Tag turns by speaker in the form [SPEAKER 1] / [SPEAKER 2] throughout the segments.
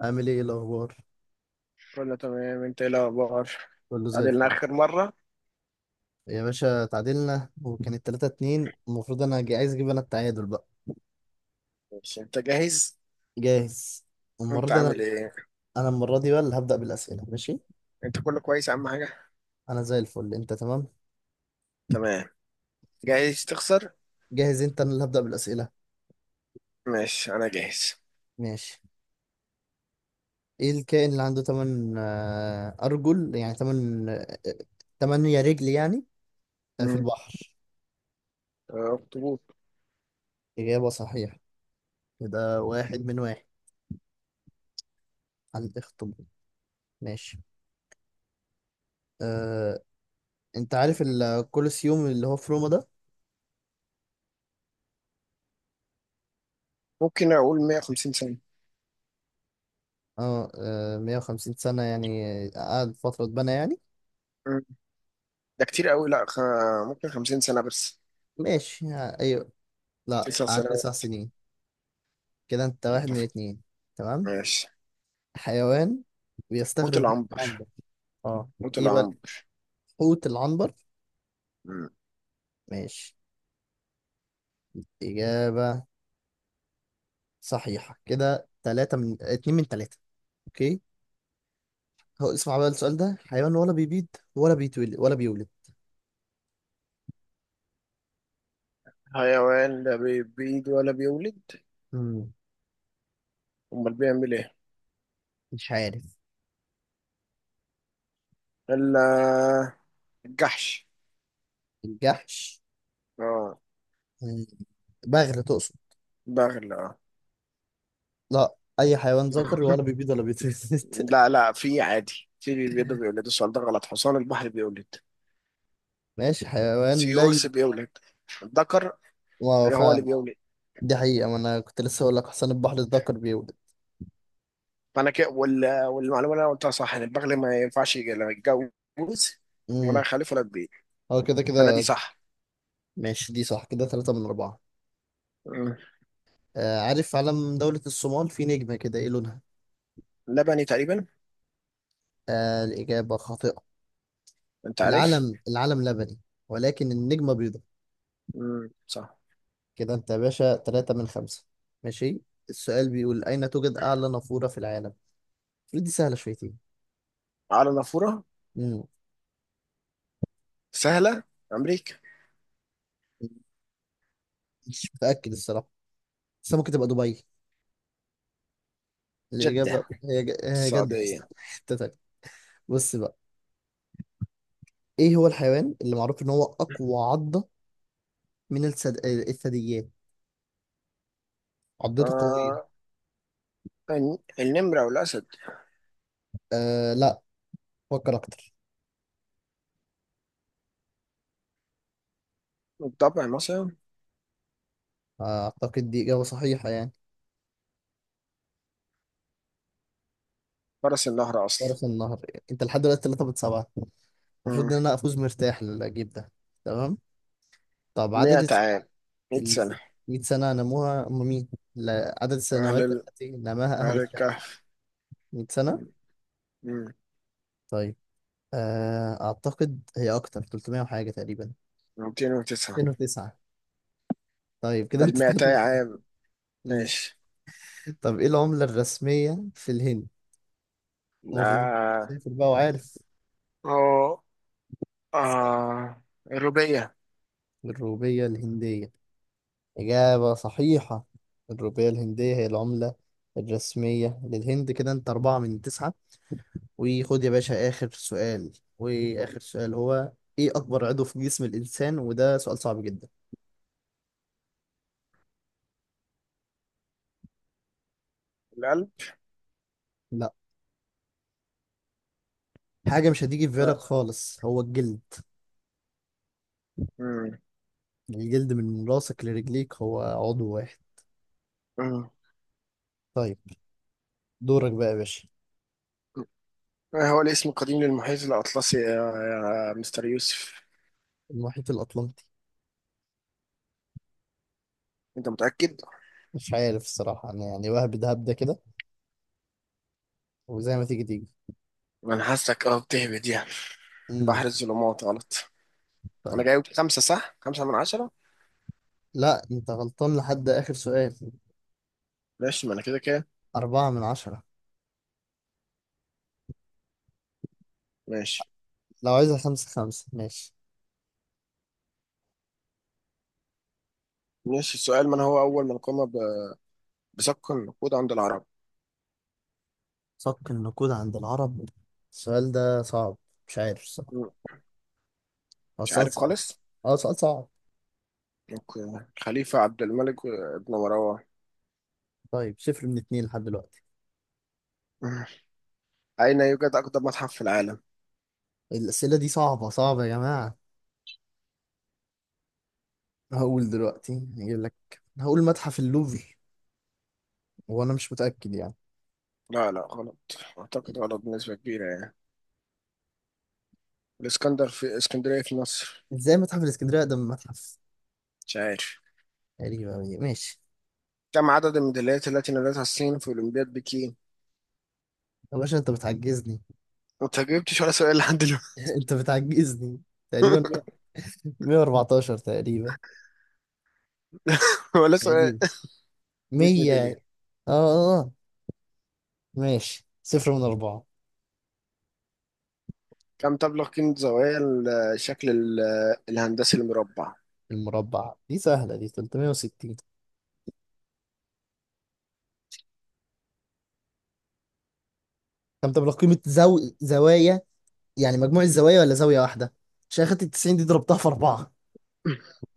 [SPEAKER 1] عامل ايه الاخبار؟
[SPEAKER 2] كله تمام، انت ايه الاخبار؟
[SPEAKER 1] كله زي
[SPEAKER 2] قعدنا
[SPEAKER 1] الفل.
[SPEAKER 2] اخر مره؟
[SPEAKER 1] يا باشا، تعادلنا وكانت 3 2. المفروض انا عايز اجيب انا التعادل بقى.
[SPEAKER 2] ماشي، انت جاهز؟
[SPEAKER 1] جاهز. المره
[SPEAKER 2] انت
[SPEAKER 1] دي
[SPEAKER 2] عامل
[SPEAKER 1] انا
[SPEAKER 2] ايه؟
[SPEAKER 1] انا المره دي بقى اللي هبدا بالاسئله. ماشي،
[SPEAKER 2] انت كله كويس اهم حاجه؟
[SPEAKER 1] انا زي الفل، انت تمام؟
[SPEAKER 2] تمام. جاهز تخسر؟
[SPEAKER 1] جاهز. انت، انا اللي هبدا بالاسئله.
[SPEAKER 2] ماشي، انا جاهز.
[SPEAKER 1] ماشي. ايه الكائن اللي عنده 8 ارجل؟ يعني 8، 8 رجل يعني. آه، في
[SPEAKER 2] امم.
[SPEAKER 1] البحر.
[SPEAKER 2] اخطبوط.
[SPEAKER 1] اجابه صحيحه، يبقى واحد من واحد على الاخطبوط. ماشي. أه... انت عارف الكولوسيوم اللي هو في روما ده؟
[SPEAKER 2] ممكن اقول 150 سنه.
[SPEAKER 1] اه آه، 150 سنة، يعني قعد فترة اتبنى يعني.
[SPEAKER 2] مم. ده كتير قوي، لا، ممكن 50 سنه بس.
[SPEAKER 1] ماشي، ايوه. لا،
[SPEAKER 2] 9
[SPEAKER 1] قعد تسع
[SPEAKER 2] سنوات.
[SPEAKER 1] سنين كده انت واحد من
[SPEAKER 2] اتفق.
[SPEAKER 1] اتنين. تمام.
[SPEAKER 2] ماشي.
[SPEAKER 1] حيوان
[SPEAKER 2] حوت
[SPEAKER 1] بيستخرج من
[SPEAKER 2] العنبر.
[SPEAKER 1] العنبر. اه.
[SPEAKER 2] حوت
[SPEAKER 1] ايه بقى؟
[SPEAKER 2] العنبر.
[SPEAKER 1] حوت العنبر.
[SPEAKER 2] مم.
[SPEAKER 1] ماشي. إجابة صحيحة، كده تلاتة، من اتنين من تلاتة. اوكي. هو اسمع بقى السؤال ده، حيوان ولا بيبيض، ولا بيتولد ولا بيولد؟
[SPEAKER 2] حيوان، لا، بيبيض ولا بيولد.
[SPEAKER 1] مم.
[SPEAKER 2] امال بيعمل ايه؟
[SPEAKER 1] مش عارف.
[SPEAKER 2] الا. الجحش.
[SPEAKER 1] الجحش؟
[SPEAKER 2] اه.
[SPEAKER 1] مم. بغل تقصد؟
[SPEAKER 2] بغل، اه.
[SPEAKER 1] لا، اي حيوان ذكر ولا بيبيض ولا بيتولد؟
[SPEAKER 2] لا، لا، في عادي في بيبيض بيولد، السؤال ده غلط، حصان البحر بيولد.
[SPEAKER 1] ماشي. حيوان
[SPEAKER 2] سي
[SPEAKER 1] لا
[SPEAKER 2] هورس بيولد. الذكر.
[SPEAKER 1] واو،
[SPEAKER 2] اللي هو اللي
[SPEAKER 1] فعلا.
[SPEAKER 2] بيولد.
[SPEAKER 1] دي حقيقة، ما انا كنت لسه اقول لك حسن البحر ذكر بيولد.
[SPEAKER 2] فانا كده والمعلومه اللي انا قلتها صح ان البغل ما ينفعش لا يتجوز، ولا
[SPEAKER 1] امم
[SPEAKER 2] يخلف ولا تبيع.
[SPEAKER 1] هو كده
[SPEAKER 2] فانا
[SPEAKER 1] كده
[SPEAKER 2] دي
[SPEAKER 1] ده.
[SPEAKER 2] صح.
[SPEAKER 1] ماشي، دي صح، كده ثلاثة من أربعة.
[SPEAKER 2] مم.
[SPEAKER 1] آه، عارف علم دولة الصومال؟ في نجمة كده، ايه لونها؟
[SPEAKER 2] لبني تقريبا.
[SPEAKER 1] آه، الإجابة خاطئة.
[SPEAKER 2] انت عارف؟
[SPEAKER 1] العلم لبني، ولكن النجمة بيضاء.
[SPEAKER 2] مم. صح.
[SPEAKER 1] كده انت يا باشا ثلاثة من خمسة. ماشي. السؤال بيقول أين توجد أعلى نافورة في العالم؟ المفروض دي سهلة شويتين.
[SPEAKER 2] على نافوره؟
[SPEAKER 1] امم
[SPEAKER 2] سهله. امريكا.
[SPEAKER 1] مش متأكد الصراحة، بس ممكن تبقى دبي.
[SPEAKER 2] جده.
[SPEAKER 1] الإجابة هي هي جدة أصلا،
[SPEAKER 2] السعوديه.
[SPEAKER 1] حتة تانية. بص بقى، ايه هو الحيوان اللي معروف ان هو اقوى عضة من الثدييات؟ عضته قوية.
[SPEAKER 2] آه... النمره والاسد.
[SPEAKER 1] آه، لا. فكر اكتر.
[SPEAKER 2] الضبع مثلا.
[SPEAKER 1] آه، اعتقد دي اجابة صحيحة يعني.
[SPEAKER 2] فرس النهر اصلا.
[SPEAKER 1] فرس النهر. انت لحد دلوقتي 3 من 7. المفروض
[SPEAKER 2] مم.
[SPEAKER 1] ان انا افوز مرتاح للجيب ده. تمام. طب عدد
[SPEAKER 2] 100 عام.
[SPEAKER 1] ال
[SPEAKER 2] 100 سنه.
[SPEAKER 1] 100 سنة نموها، هم مين؟ لا، عدد السنوات
[SPEAKER 2] اهل
[SPEAKER 1] التي نماها اهل
[SPEAKER 2] أهل
[SPEAKER 1] الكهف.
[SPEAKER 2] الكهف.
[SPEAKER 1] 100 سنة؟
[SPEAKER 2] م- م.
[SPEAKER 1] طيب. آه، اعتقد هي اكتر، 300 وحاجة تقريبا.
[SPEAKER 2] 209.
[SPEAKER 1] 209؟ طيب كده
[SPEAKER 2] بل
[SPEAKER 1] انت
[SPEAKER 2] 200
[SPEAKER 1] 3.
[SPEAKER 2] عام. ماشي.
[SPEAKER 1] طب ايه العملة الرسمية في الهند؟ المفروض
[SPEAKER 2] آه.
[SPEAKER 1] سافر بقى وعارف.
[SPEAKER 2] أو. آه الربيع.
[SPEAKER 1] الروبية الهندية. إجابة صحيحة، الروبية الهندية هي العملة الرسمية للهند. كده أنت أربعة من تسعة. وخد يا باشا آخر سؤال، وآخر سؤال هو إيه أكبر عضو في جسم الإنسان؟ وده سؤال صعب جدا.
[SPEAKER 2] القلب.
[SPEAKER 1] لا. حاجة مش هتيجي في
[SPEAKER 2] لا.
[SPEAKER 1] بالك خالص، هو الجلد.
[SPEAKER 2] م-
[SPEAKER 1] الجلد من راسك لرجليك هو عضو واحد.
[SPEAKER 2] م.
[SPEAKER 1] طيب، دورك بقى يا باشا.
[SPEAKER 2] ما هو الاسم القديم للمحيط الأطلسي يا مستر يوسف؟
[SPEAKER 1] المحيط الأطلنطي.
[SPEAKER 2] أنت متأكد؟
[SPEAKER 1] مش عارف الصراحة أنا يعني، وهب دهب ده، هبدة كده وزي ما تيجي تيجي.
[SPEAKER 2] ما أنا حاسك بتهبد يعني.
[SPEAKER 1] مم.
[SPEAKER 2] بحر الظلمات غلط. أنا
[SPEAKER 1] طيب.
[SPEAKER 2] جايب خمسة صح؟ 5 من 10؟
[SPEAKER 1] لا، انت غلطان لحد اخر سؤال.
[SPEAKER 2] ماشي، ما أنا كده كده.
[SPEAKER 1] اربعة من عشرة.
[SPEAKER 2] ماشي.
[SPEAKER 1] لو عايزها خمسة خمسة، ماشي.
[SPEAKER 2] ماشي، السؤال، من هو أول من قام بسك النقود عند العرب؟
[SPEAKER 1] صك النقود عند العرب. السؤال ده صعب. مش عارف الصراحة.
[SPEAKER 2] م.
[SPEAKER 1] هو
[SPEAKER 2] مش
[SPEAKER 1] السؤال
[SPEAKER 2] عارف
[SPEAKER 1] صعب.
[SPEAKER 2] خالص.
[SPEAKER 1] اه، سؤال صعب.
[SPEAKER 2] اوكي، خليفة عبد الملك ابن مروان.
[SPEAKER 1] طيب، صفر من اتنين لحد دلوقتي.
[SPEAKER 2] مم. أين يوجد أقدم متحف في العالم؟
[SPEAKER 1] الأسئلة دي صعبة صعبة يا جماعة. هقول دلوقتي هجيب لك، هقول متحف اللوفر، وانا مش متأكد يعني.
[SPEAKER 2] لا، لا، غلط. أعتقد غلط بنسبة كبيرة يعني. الإسكندر في اسكندرية في مصر.
[SPEAKER 1] ازاي متحف الاسكندرية أقدم من متحف؟
[SPEAKER 2] مش عارف.
[SPEAKER 1] غريبة أوي. ماشي.
[SPEAKER 2] كم عدد الميداليات التي نالتها الصين في أولمبياد بكين؟
[SPEAKER 1] يا باشا انت بتعجزني.
[SPEAKER 2] أنت ما جبتش ولا سؤال لحد دلوقتي.
[SPEAKER 1] انت بتعجزني. تقريبا 114. تقريبا
[SPEAKER 2] ولا سؤال.
[SPEAKER 1] تقريبا
[SPEAKER 2] 100 ميدالية.
[SPEAKER 1] 100. اه آه، ماشي، صفر من أربعة.
[SPEAKER 2] كم تبلغ قيمة زوايا الشكل الهندسي المربع؟
[SPEAKER 1] المربع دي سهلة، دي 360. كم تبلغ قيمة زوايا، يعني مجموع الزوايا ولا زاوية واحدة؟ عشان أخدت ال 90 دي ضربتها في أربعة.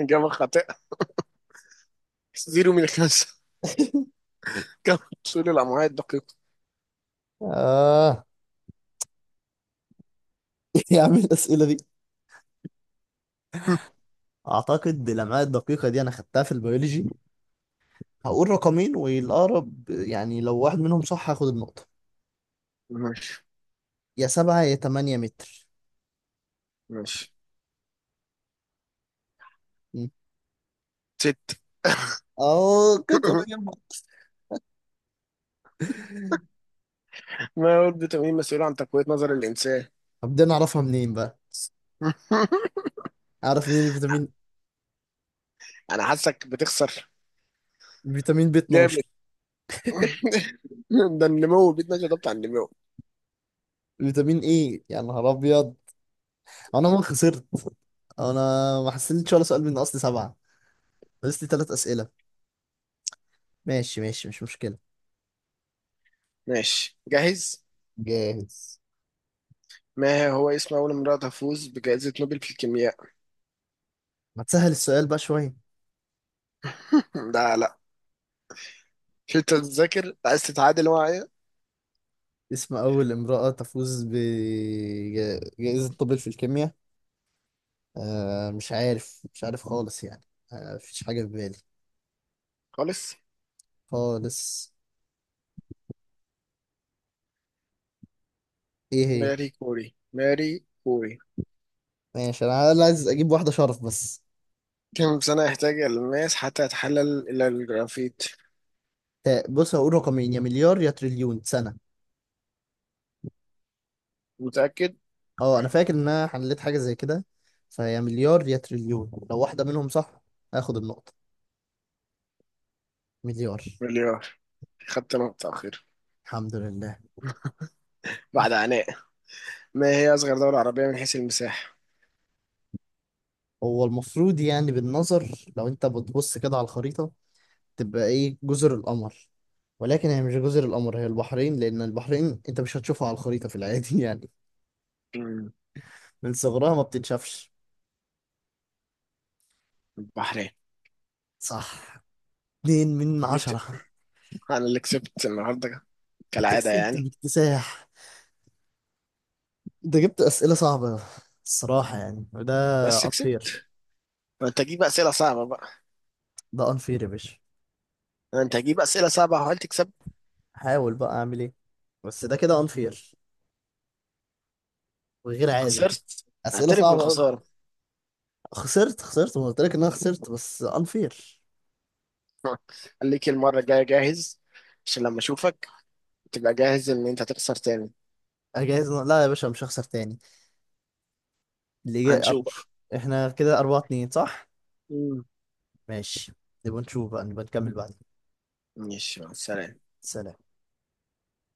[SPEAKER 2] إجابة خاطئة. 0 من 5. كم طول الأمعاء الدقيقة؟
[SPEAKER 1] آه، يا عم الأسئلة دي. أعتقد بالأمعاء الدقيقة دي أنا خدتها في البيولوجي. هقول رقمين والأقرب يعني، لو واحد منهم صح هاخد النقطة.
[SPEAKER 2] ماشي.
[SPEAKER 1] يا سبعة يا تمانية متر.
[SPEAKER 2] ماشي.
[SPEAKER 1] م.
[SPEAKER 2] ست.
[SPEAKER 1] أه، كنت قريب.
[SPEAKER 2] ما هو الفيتامين مسؤول عن تقوية نظر الإنسان؟
[SPEAKER 1] طب دي أنا أعرفها منين بقى؟ أعرف منين الفيتامين.
[SPEAKER 2] أنا حاسك بتخسر.
[SPEAKER 1] فيتامين بي
[SPEAKER 2] جامد.
[SPEAKER 1] 12
[SPEAKER 2] ده النمو بيتنا، ده بتاع النمو.
[SPEAKER 1] فيتامين ايه، يا نهار ابيض. انا ما خسرت. انا ما حسنتش ولا سؤال من اصل سبعه، بس لي ثلاث اسئله. ماشي ماشي، مش مشكله.
[SPEAKER 2] ماشي، جاهز.
[SPEAKER 1] جاهز.
[SPEAKER 2] ما هو اسم أول امرأة تفوز بجائزة نوبل في الكيمياء؟
[SPEAKER 1] ما تسهل السؤال بقى شويه.
[SPEAKER 2] لا، لا، مش أنت بتذاكر عايز تتعادل معايا؟
[SPEAKER 1] اسم اول امراه تفوز بجائزه نوبل في الكيمياء. آه، مش عارف، مش عارف خالص يعني. آه، مفيش حاجه في بالي،
[SPEAKER 2] خالص.
[SPEAKER 1] خالص. ايه هي؟
[SPEAKER 2] ماري كوري، ماري كوري.
[SPEAKER 1] ماشي، انا عايز اجيب واحده شرف بس.
[SPEAKER 2] كم سنة يحتاج الماس حتى يتحلل إلى الجرافيت؟
[SPEAKER 1] بص، هقول رقمين، يا مليار يا تريليون سنه.
[SPEAKER 2] متأكد؟
[SPEAKER 1] اه، انا فاكر ان انا حليت حاجه زي كده، فهي مليار يا تريليون، لو واحده منهم صح هاخد النقطه. مليار.
[SPEAKER 2] مليار. خدت نقطة أخيرة.
[SPEAKER 1] الحمد لله.
[SPEAKER 2] بعد عناء. ما هي أصغر دولة عربية من حيث المساحة؟
[SPEAKER 1] هو المفروض يعني، بالنظر لو انت بتبص كده على الخريطه، تبقى ايه؟ جزر القمر. ولكن هي مش جزر القمر، هي البحرين، لان البحرين انت مش هتشوفها على الخريطه في العادي يعني،
[SPEAKER 2] مم.
[SPEAKER 1] من صغرها ما بتتشافش.
[SPEAKER 2] البحرين.
[SPEAKER 1] صح. اتنين من
[SPEAKER 2] جبت.
[SPEAKER 1] عشرة.
[SPEAKER 2] انا اللي كسبت النهارده.
[SPEAKER 1] انت
[SPEAKER 2] كالعاده
[SPEAKER 1] كسبت
[SPEAKER 2] يعني.
[SPEAKER 1] باكتساح، انت جبت اسئله صعبه الصراحه يعني، وده
[SPEAKER 2] بس كسبت.
[SPEAKER 1] unfair.
[SPEAKER 2] ما انت هتجيب اسئله صعبه بقى.
[SPEAKER 1] ده unfair يا باشا.
[SPEAKER 2] ما انت هتجيب اسئله صعبه وهل تكسب.
[SPEAKER 1] احاول بقى اعمل ايه. بس ده كده انفير وغير عادل.
[SPEAKER 2] خسرت.
[SPEAKER 1] اسئله
[SPEAKER 2] اعترف
[SPEAKER 1] صعبه قوي.
[SPEAKER 2] بالخساره.
[SPEAKER 1] خسرت خسرت، ما قلت لك ان انا خسرت، بس انفير.
[SPEAKER 2] خليك المره الجايه جاهز. عشان لما اشوفك تبقى جاهز ان انت تخسر تاني.
[SPEAKER 1] اجهز. لا يا باشا، مش هخسر تاني. اللي جاي
[SPEAKER 2] هنشوف.
[SPEAKER 1] احنا كده أربعة اتنين صح؟
[SPEAKER 2] مم.
[SPEAKER 1] ماشي. نبقى نشوف بقى، نبقى نكمل بعدين.
[SPEAKER 2] ماشي، مع السلامه.
[SPEAKER 1] سلام.